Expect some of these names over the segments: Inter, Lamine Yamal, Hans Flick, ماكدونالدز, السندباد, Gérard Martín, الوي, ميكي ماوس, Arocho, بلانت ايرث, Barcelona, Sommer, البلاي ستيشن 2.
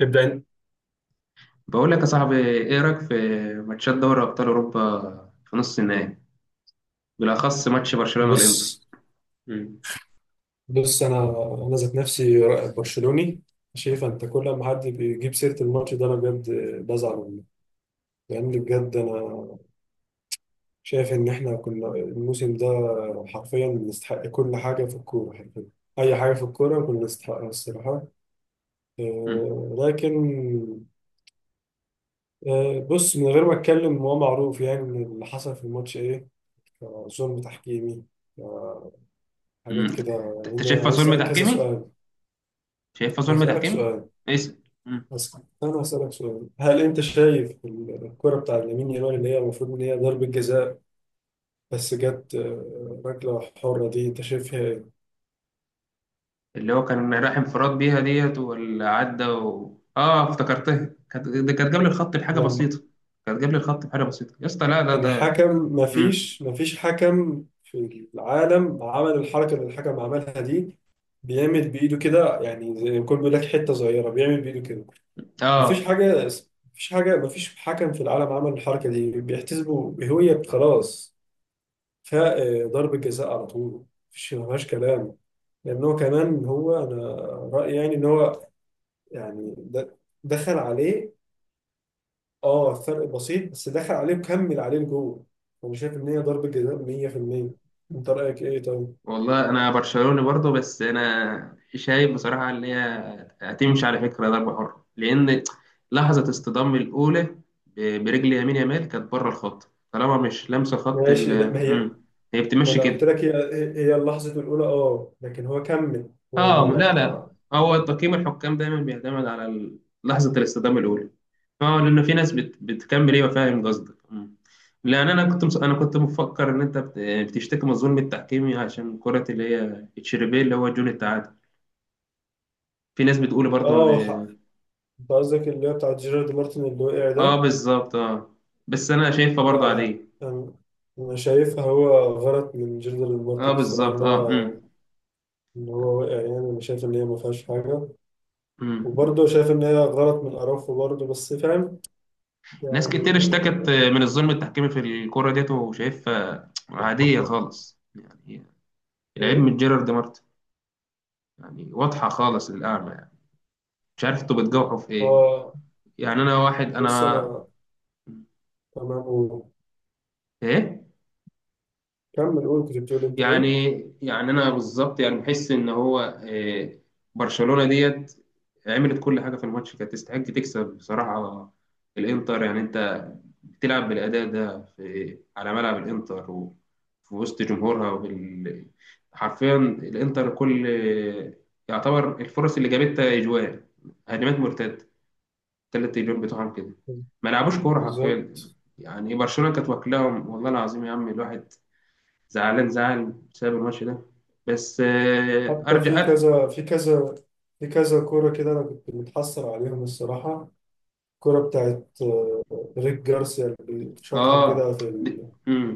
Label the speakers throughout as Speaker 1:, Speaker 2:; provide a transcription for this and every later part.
Speaker 1: ابدأ انت.
Speaker 2: بقول لك يا صاحبي ايه رايك في ماتشات دوري ابطال اوروبا في نص النهائي، بالاخص ماتش برشلونه والانتر.
Speaker 1: بص
Speaker 2: مم.
Speaker 1: بص. انا ذات نفسي، برشلوني ماشي. فانت كل ما حد بيجيب سيره الماتش ده انا بجد بزعل منه. لان بجد انا شايف ان احنا كنا الموسم ده حرفيا نستحق كل حاجه في الكوره، حرفيا اي حاجه في الكوره كنا نستحقها الصراحه.
Speaker 2: مم.
Speaker 1: لكن بص، من غير ما اتكلم هو معروف يعني ان اللي حصل في الماتش ايه. ظلم تحكيمي، آه، حاجات
Speaker 2: مم.
Speaker 1: كده يعني.
Speaker 2: انت
Speaker 1: أنا
Speaker 2: شايفها
Speaker 1: عايز
Speaker 2: ظلم
Speaker 1: اسالك كذا
Speaker 2: تحكيمي؟
Speaker 1: سؤال.
Speaker 2: شايفها ظلم
Speaker 1: هسالك
Speaker 2: تحكيمي
Speaker 1: سؤال
Speaker 2: اسم. مم.
Speaker 1: بس. أنا هسألك سؤال، هل أنت شايف الكرة بتاع لامين يامال اللي هي المفروض إن هي ضربة جزاء بس جت ركلة حرة، دي أنت شايفها إيه؟
Speaker 2: اللي هو كان راح انفراد بيها ديت واللي عدى و... اه افتكرتها كانت ده كانت جاب لي الخط بحاجه
Speaker 1: لما
Speaker 2: بسيطه. كانت جاب لي الخط بحاجه بسيطه يا اسطى، لا ده.
Speaker 1: الحكم،
Speaker 2: مم.
Speaker 1: مفيش حكم في العالم عمل الحركة اللي الحكم عملها دي. بيعمل بإيده كده، يعني زي ما يكون بيقول لك حتة صغيرة، بيعمل بإيده كده. مفيش
Speaker 2: اه
Speaker 1: حاجة مفيش حاجة. مفيش حكم في العالم عمل الحركة دي بيحتسبوا. هي خلاص، فضرب الجزاء على طول. مفيهاش كلام. لان هو كمان، هو انا رايي يعني ان هو يعني دخل عليه. اه فرق بسيط، بس دخل عليه وكمل عليه لجوه. انا شايف ان هي ضربه جزاء 100%. انت رايك ايه طيب؟
Speaker 2: والله انا برشلوني برضه، بس انا شايف بصراحه ان هي هتمشي على فكره ضربه حره، لان لحظه اصطدام الاولى برجل يمين يامال كانت بره الخط، طالما مش لامسه خط
Speaker 1: ماشي، لا
Speaker 2: ال
Speaker 1: ما هي،
Speaker 2: مم. هي
Speaker 1: ما
Speaker 2: بتمشي
Speaker 1: انا قلت
Speaker 2: كده.
Speaker 1: لك، هي اللحظه الاولى اه، لكن هو كمل، هو
Speaker 2: لا،
Speaker 1: ما.
Speaker 2: هو تقييم الحكام دايما بيعتمد على لحظه الاصطدام الاولى. اه، لان في ناس بتكمل ايه، وفاهم قصدك. مم. لان انا كنت مفكر ان انت بتشتكي من ظلم التحكيم عشان كره اللي هي تشيربيه اللي هو جون التعادل. في ناس بتقول برضو ان
Speaker 1: اه انت قصدك اللي هي بتاعت جيرارد مارتن اللي وقع
Speaker 2: اه،
Speaker 1: ده.
Speaker 2: بالظبط اه. بس انا شايفها
Speaker 1: لا
Speaker 2: برضو
Speaker 1: لا،
Speaker 2: عادية.
Speaker 1: انا أنا شايفها هو غلط من جيرارد
Speaker 2: اه
Speaker 1: مارتن الصراحه،
Speaker 2: بالظبط
Speaker 1: ان
Speaker 2: اه،
Speaker 1: هو ان هو وقع يعني. انا شايف ان هي ما فيهاش حاجه.
Speaker 2: امم
Speaker 1: وبرضه شايف إن هي غلط من أراوخو برضه، بس فاهم
Speaker 2: ناس كتير
Speaker 1: يعني.
Speaker 2: اشتكت من الظلم التحكيمي في الكرة ديت، وشايفها عادية خالص يعني. العيب
Speaker 1: إيه؟
Speaker 2: من جيرارد مارتن، يعني واضحة خالص للأعمى يعني. مش عارف انتوا بتجوحوا في ايه.
Speaker 1: آه،
Speaker 2: يعني انا واحد
Speaker 1: بص
Speaker 2: انا
Speaker 1: أنا تمام، قول،
Speaker 2: ايه.
Speaker 1: كمل قول، كنت بتقول أنت إيه؟
Speaker 2: يعني يعني انا بالظبط يعني بحس ان هو إيه. برشلونة ديت عملت كل حاجة في الماتش، كانت تستحق تكسب بصراحة. الانتر يعني انت بتلعب بالأداء ده في على ملعب الإنتر وفي وسط جمهورها حرفيا الإنتر كل يعتبر الفرص اللي جابتها أجوال، هجمات مرتدة، تلات أجوال بتوعهم كده، ما لعبوش كورة حرفيا.
Speaker 1: بالظبط.
Speaker 2: يعني برشلونة كانت واكلاهم، والله العظيم يا عم الواحد زعلان زعل بسبب الماتش ده. بس آه،
Speaker 1: حتى في
Speaker 2: أرجع أ-
Speaker 1: كذا في كذا في كذا كورة كده أنا كنت متحسر عليهم الصراحة. الكورة بتاعت ريك جارسيا اللي شاطها
Speaker 2: آه
Speaker 1: كده في
Speaker 2: د... مم.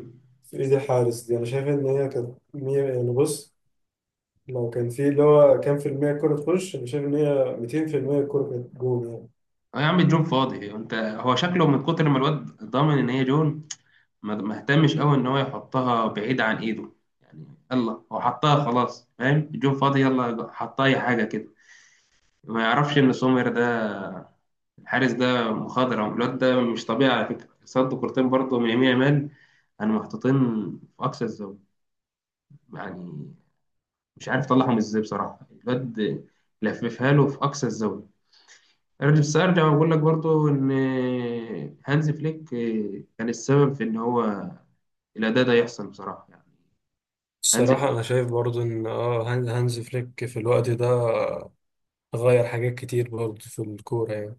Speaker 1: في ايدي حارس دي، انا شايف ان هي كانت 100 يعني. بص، لو كان في اللي هو كام في المية الكورة تخش، انا شايف ان هي 200% الكورة كانت جول يعني.
Speaker 2: اه يا عم الجون فاضي، انت هو شكله من كتر ما الواد ضامن ان هي جون ما اهتمش قوي ان هو يحطها بعيد عن ايده. يعني يلا هو حطها خلاص، فاهم الجون فاضي يلا حطها اي حاجه كده. ما يعرفش ان سومر ده الحارس ده مخضرم، الواد ده مش طبيعي على فكره، صد كورتين برضه من يمين يامال انا محطوطين في اقصى الزاويه. يعني مش عارف اطلعهم ازاي بصراحه، الواد لففها له في اقصى الزاويه. ارجع بس ارجع واقول لك برضه ان هانز فليك كان السبب في ان هو الاداء ده يحصل بصراحه يعني. هانز
Speaker 1: الصراحة أنا شايف برضو إن هانز فليك في الوقت ده غير حاجات كتير برضو في الكورة يعني.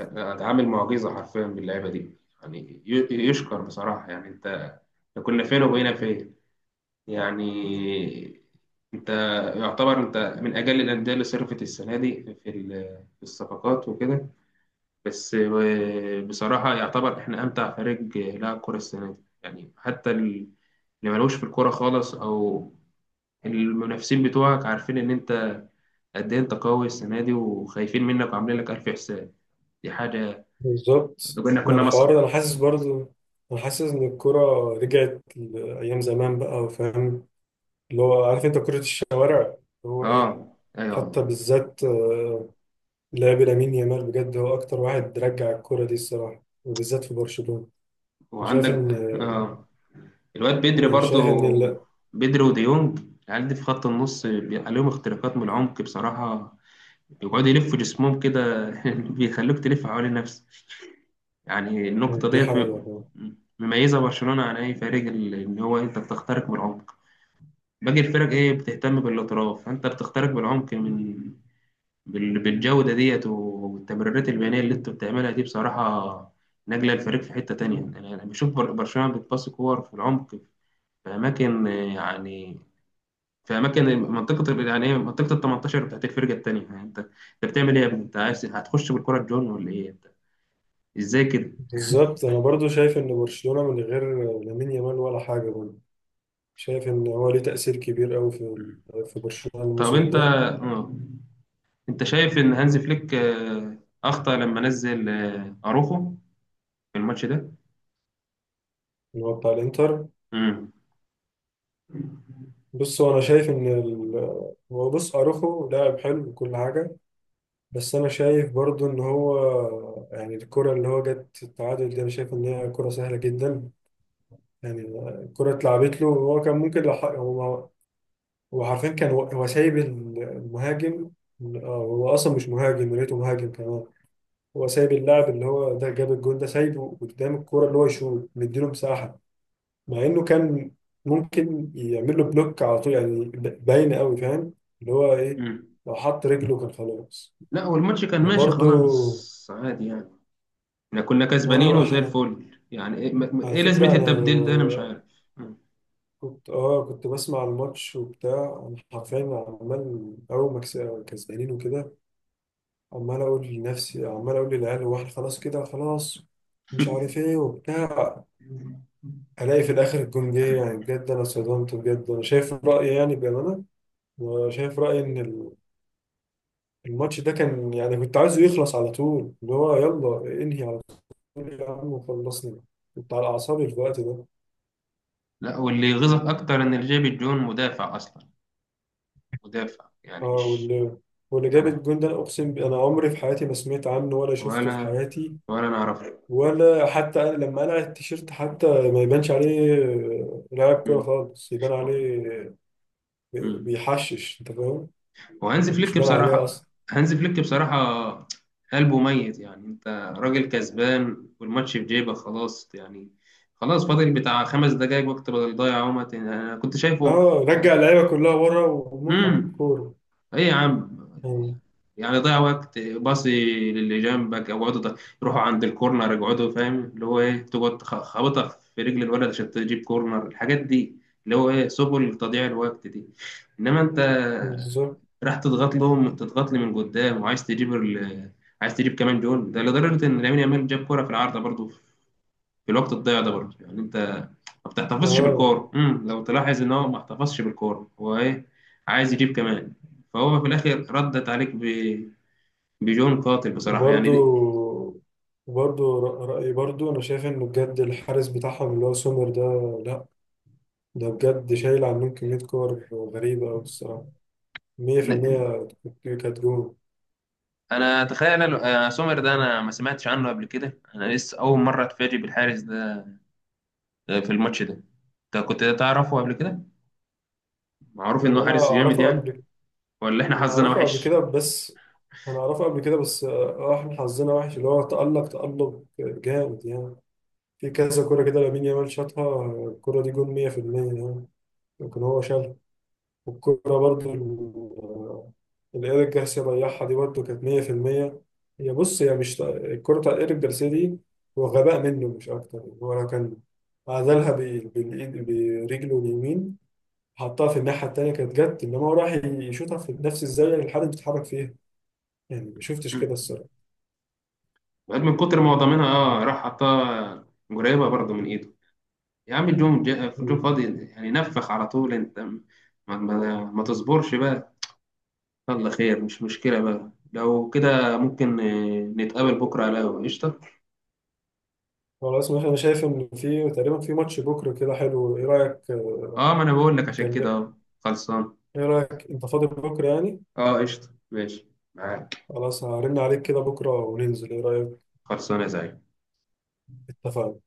Speaker 2: اتعامل معجزه حرفيا باللعيبه دي، يعني يشكر بصراحه يعني. انت، إحنا كنا فين وبقينا فين؟ يعني انت يعتبر انت من اجل الانديه اللي صرفت السنه دي في في الصفقات وكده. بس بصراحه يعتبر احنا امتع فريق لعب كره السنه دي يعني. حتى اللي ملوش في الكوره خالص او المنافسين بتوعك عارفين ان انت قد ايه انت قوي السنه دي، وخايفين منك وعاملين لك الف حساب. دي حاجه، لو
Speaker 1: بالظبط،
Speaker 2: كنا
Speaker 1: مع
Speaker 2: كنا
Speaker 1: الحوار
Speaker 2: مسخره.
Speaker 1: ده انا حاسس برضو. انا حاسس ان الكرة رجعت لايام زمان بقى، وفاهم اللي هو، عارف انت كرة الشوارع اللي هو ايه.
Speaker 2: اه
Speaker 1: حتى
Speaker 2: ايوه.
Speaker 1: بالذات لعب لامين يامال بجد، هو اكتر واحد رجع الكرة دي الصراحة، وبالذات في برشلونة. أنا شايف
Speaker 2: وعندك
Speaker 1: ان
Speaker 2: اه الواد بدري
Speaker 1: انا شايف ان،
Speaker 2: برضو،
Speaker 1: لا.
Speaker 2: بدري وديونج. العيال دي في خط النص بيبقى عليهم اختراقات من العمق بصراحة، بيقعدوا يلفوا جسمهم كده بيخلوك تلف حوالين نفسك. يعني النقطة
Speaker 1: دي
Speaker 2: ديت
Speaker 1: حقيقة.
Speaker 2: مميزة برشلونة عن أي فريق إن هو أنت بتخترق من العمق. باقي الفرق إيه بتهتم بالاطراف، فأنت بتخترق بالعمق من بالجودة ديت والتمريرات البيانية اللي انتوا بتعملها دي بصراحة. نقلة الفريق في حتة تانية. أنا بشوف برشلونة بتباصي كور في العمق في أماكن يعني في أماكن منطقة يعني إيه منطقة ال 18 بتاعت الفرقة التانية. يعني أنت بتعمل إيه يا ابني؟ أنت عايز هتخش بالكرة الجون ولا إيه أنت؟ إزاي كده؟
Speaker 1: بالظبط، انا برضو شايف ان برشلونة من غير لامين يامال ولا حاجة برضو. شايف ان هو ليه تأثير كبير قوي في برشلونة
Speaker 2: طب
Speaker 1: الموسم
Speaker 2: أنت
Speaker 1: ده.
Speaker 2: أنت شايف إن هانز فليك أخطأ لما نزل أروخو في الماتش ده؟
Speaker 1: اللي هو بتاع الانتر.
Speaker 2: مم.
Speaker 1: بص هو انا شايف ان هو بص، اروخو لاعب حلو وكل حاجة، بس انا شايف برضو ان هو يعني الكرة اللي هو جت التعادل دي انا شايف ان هي كرة سهلة جدا يعني. الكرة اتلعبت له، هو كان ممكن لو هو هو حرفيا كان هو سايب المهاجم. آه، هو اصلا مش مهاجم، يا ريته مهاجم كمان. هو سايب اللاعب اللي هو ده جاب الجون ده، سايبه قدام الكرة اللي هو يشوط، مديله مساحة. مع انه كان ممكن يعمل له بلوك على طول يعني. باين قوي فاهم اللي هو ايه.
Speaker 2: مم.
Speaker 1: لو حط رجله كان خلاص.
Speaker 2: لا هو الماتش كان ماشي
Speaker 1: وبرده
Speaker 2: خلاص عادي يعني، احنا كنا
Speaker 1: وانا
Speaker 2: كسبانين وزي
Speaker 1: بح-
Speaker 2: الفل. يعني ايه
Speaker 1: على
Speaker 2: إيه لازمة
Speaker 1: فكرة انا
Speaker 2: التبديل ده، انا مش عارف. مم.
Speaker 1: كنت، كنت بسمع الماتش وبتاع. انا حرفيا عمال، اول ما كسبانين وكده، عمال اقول لنفسي، عمال اقول للعيال، هو احنا خلاص كده؟ خلاص مش عارف ايه وبتاع. الاقي في الاخر الجون جه يعني. بجد انا اتصدمت، بجد انا شايف رايي يعني بامانه. أنا شايف رايي ان الماتش ده كان يعني كنت عايزه يخلص على طول. اللي هو يلا انهي على طول يا عم وخلصني. كنت على اعصابي في الوقت ده.
Speaker 2: لا واللي يغيظك اكتر ان الجيبي جون مدافع اصلا، مدافع
Speaker 1: اه،
Speaker 2: يعني مش
Speaker 1: واللي جاب
Speaker 2: انا.
Speaker 1: الجون ده، انا اقسم انا عمري في حياتي ما سمعت عنه ولا شفته في
Speaker 2: ولا،
Speaker 1: حياتي.
Speaker 2: ولا انا اعرف.
Speaker 1: ولا حتى أنا لما قلع التيشيرت حتى ما يبانش عليه لاعب كوره
Speaker 2: مم.
Speaker 1: خالص يبان عليه.
Speaker 2: مم.
Speaker 1: بيحشش، انت فاهم.
Speaker 2: وهانز
Speaker 1: مش
Speaker 2: فليك
Speaker 1: بان عليه
Speaker 2: بصراحه،
Speaker 1: اصلا.
Speaker 2: هانز فليك بصراحه قلبه ميت. يعني انت راجل كسبان والماتش في جيبك خلاص يعني، خلاص فاضل بتاع خمس دقايق وقت بدل ضايع، اهو ما تن- انا كنت شايفه.
Speaker 1: اه، رجع اللعيبه كلها ورا وموت على
Speaker 2: امم
Speaker 1: الكوره
Speaker 2: ايه يا عم،
Speaker 1: يعني.
Speaker 2: يعني ضيع وقت، باصي للي جنبك او اقعدوا يروحوا عند الكورنر يقعدوا، فاهم اللي هو ايه تقعد خابطها في رجل الولد عشان تجيب كورنر، الحاجات دي اللي هو ايه سبل تضييع الوقت دي. انما انت
Speaker 1: بالظبط.
Speaker 2: راح تضغط لهم، تضغط لي من قدام، وعايز تجيب عايز تجيب كمان جول، ده لدرجه ان لامين يامال جاب كوره في العارضه برضو في الوقت الضايع ده برضه. يعني انت ما بتحتفظش
Speaker 1: اه،
Speaker 2: بالكور، لو تلاحظ ان هو ما احتفظش بالكور، هو ايه عايز يجيب كمان. فهو في الاخر ردت عليك بجون قاتل بصراحه يعني
Speaker 1: وبرده
Speaker 2: دي...
Speaker 1: وبرده رأيي برضو، أنا شايف إنه بجد الحارس بتاعهم اللي هو سومر ده، لأ ده بجد شايل عنهم كمية كور غريبة أوي الصراحة. مية في
Speaker 2: ن-
Speaker 1: المية كانت جون.
Speaker 2: انا تخيل سومر ده انا ما سمعتش عنه قبل كده، انا لسه اول مره اتفاجئ بالحارس ده في الماتش ده. انت كنت تعرفه قبل كده؟ معروف
Speaker 1: هو
Speaker 2: انه
Speaker 1: أنا
Speaker 2: حارس جامد
Speaker 1: أعرفه
Speaker 2: يعني؟
Speaker 1: قبل.
Speaker 2: ولا احنا
Speaker 1: أنا
Speaker 2: حظنا
Speaker 1: أعرفه قبل
Speaker 2: وحش؟
Speaker 1: كده بس أنا أعرفه قبل كده بس آه، إحنا حظنا وحش. اللي هو تألق، تألق جامد يعني. في كذا كورة كده لامين يامال شاطها، الكورة دي جون مية في المية يعني، لكن هو شال. والكورة برضو اللي إيريك جارسيا ضيعها دي برضو كانت 100%. هي بص، هي مش الكورة بتاع إيريك جارسيا دي، هو غباء منه مش أكتر. هو لو كان عزلها بالإيد، برجله اليمين، حطها في الناحية التانية كانت جت. إنما هو راح يشوطها في نفس الزاوية اللي الحارس بيتحرك فيها. يعني ما شفتش
Speaker 2: امم
Speaker 1: كده الصراحة.
Speaker 2: من كتر ما هو ضامنها اه راح حطها قريبه برضه من ايده. يا عم الجون الجون
Speaker 1: مم.
Speaker 2: فاضي يعني نفخ على طول. انت ما تصبرش بقى. يلا خير مش مشكلة بقى، لو كده ممكن نتقابل بكرة على القهوة؟ قشطة.
Speaker 1: خلاص، مثلا أنا شايف إن في تقريبا في ماتش بكرة كده حلو. إيه رأيك
Speaker 2: اه ما انا بقول لك عشان كده
Speaker 1: أكلم.
Speaker 2: اه، خلصان.
Speaker 1: إيه رأيك، أنت فاضي بكرة يعني؟
Speaker 2: اه قشطة، ماشي معاك.
Speaker 1: خلاص، هرن عليك كده بكرة وننزل، إيه رأيك؟
Speaker 2: خلصان يا زعيم.
Speaker 1: اتفقنا.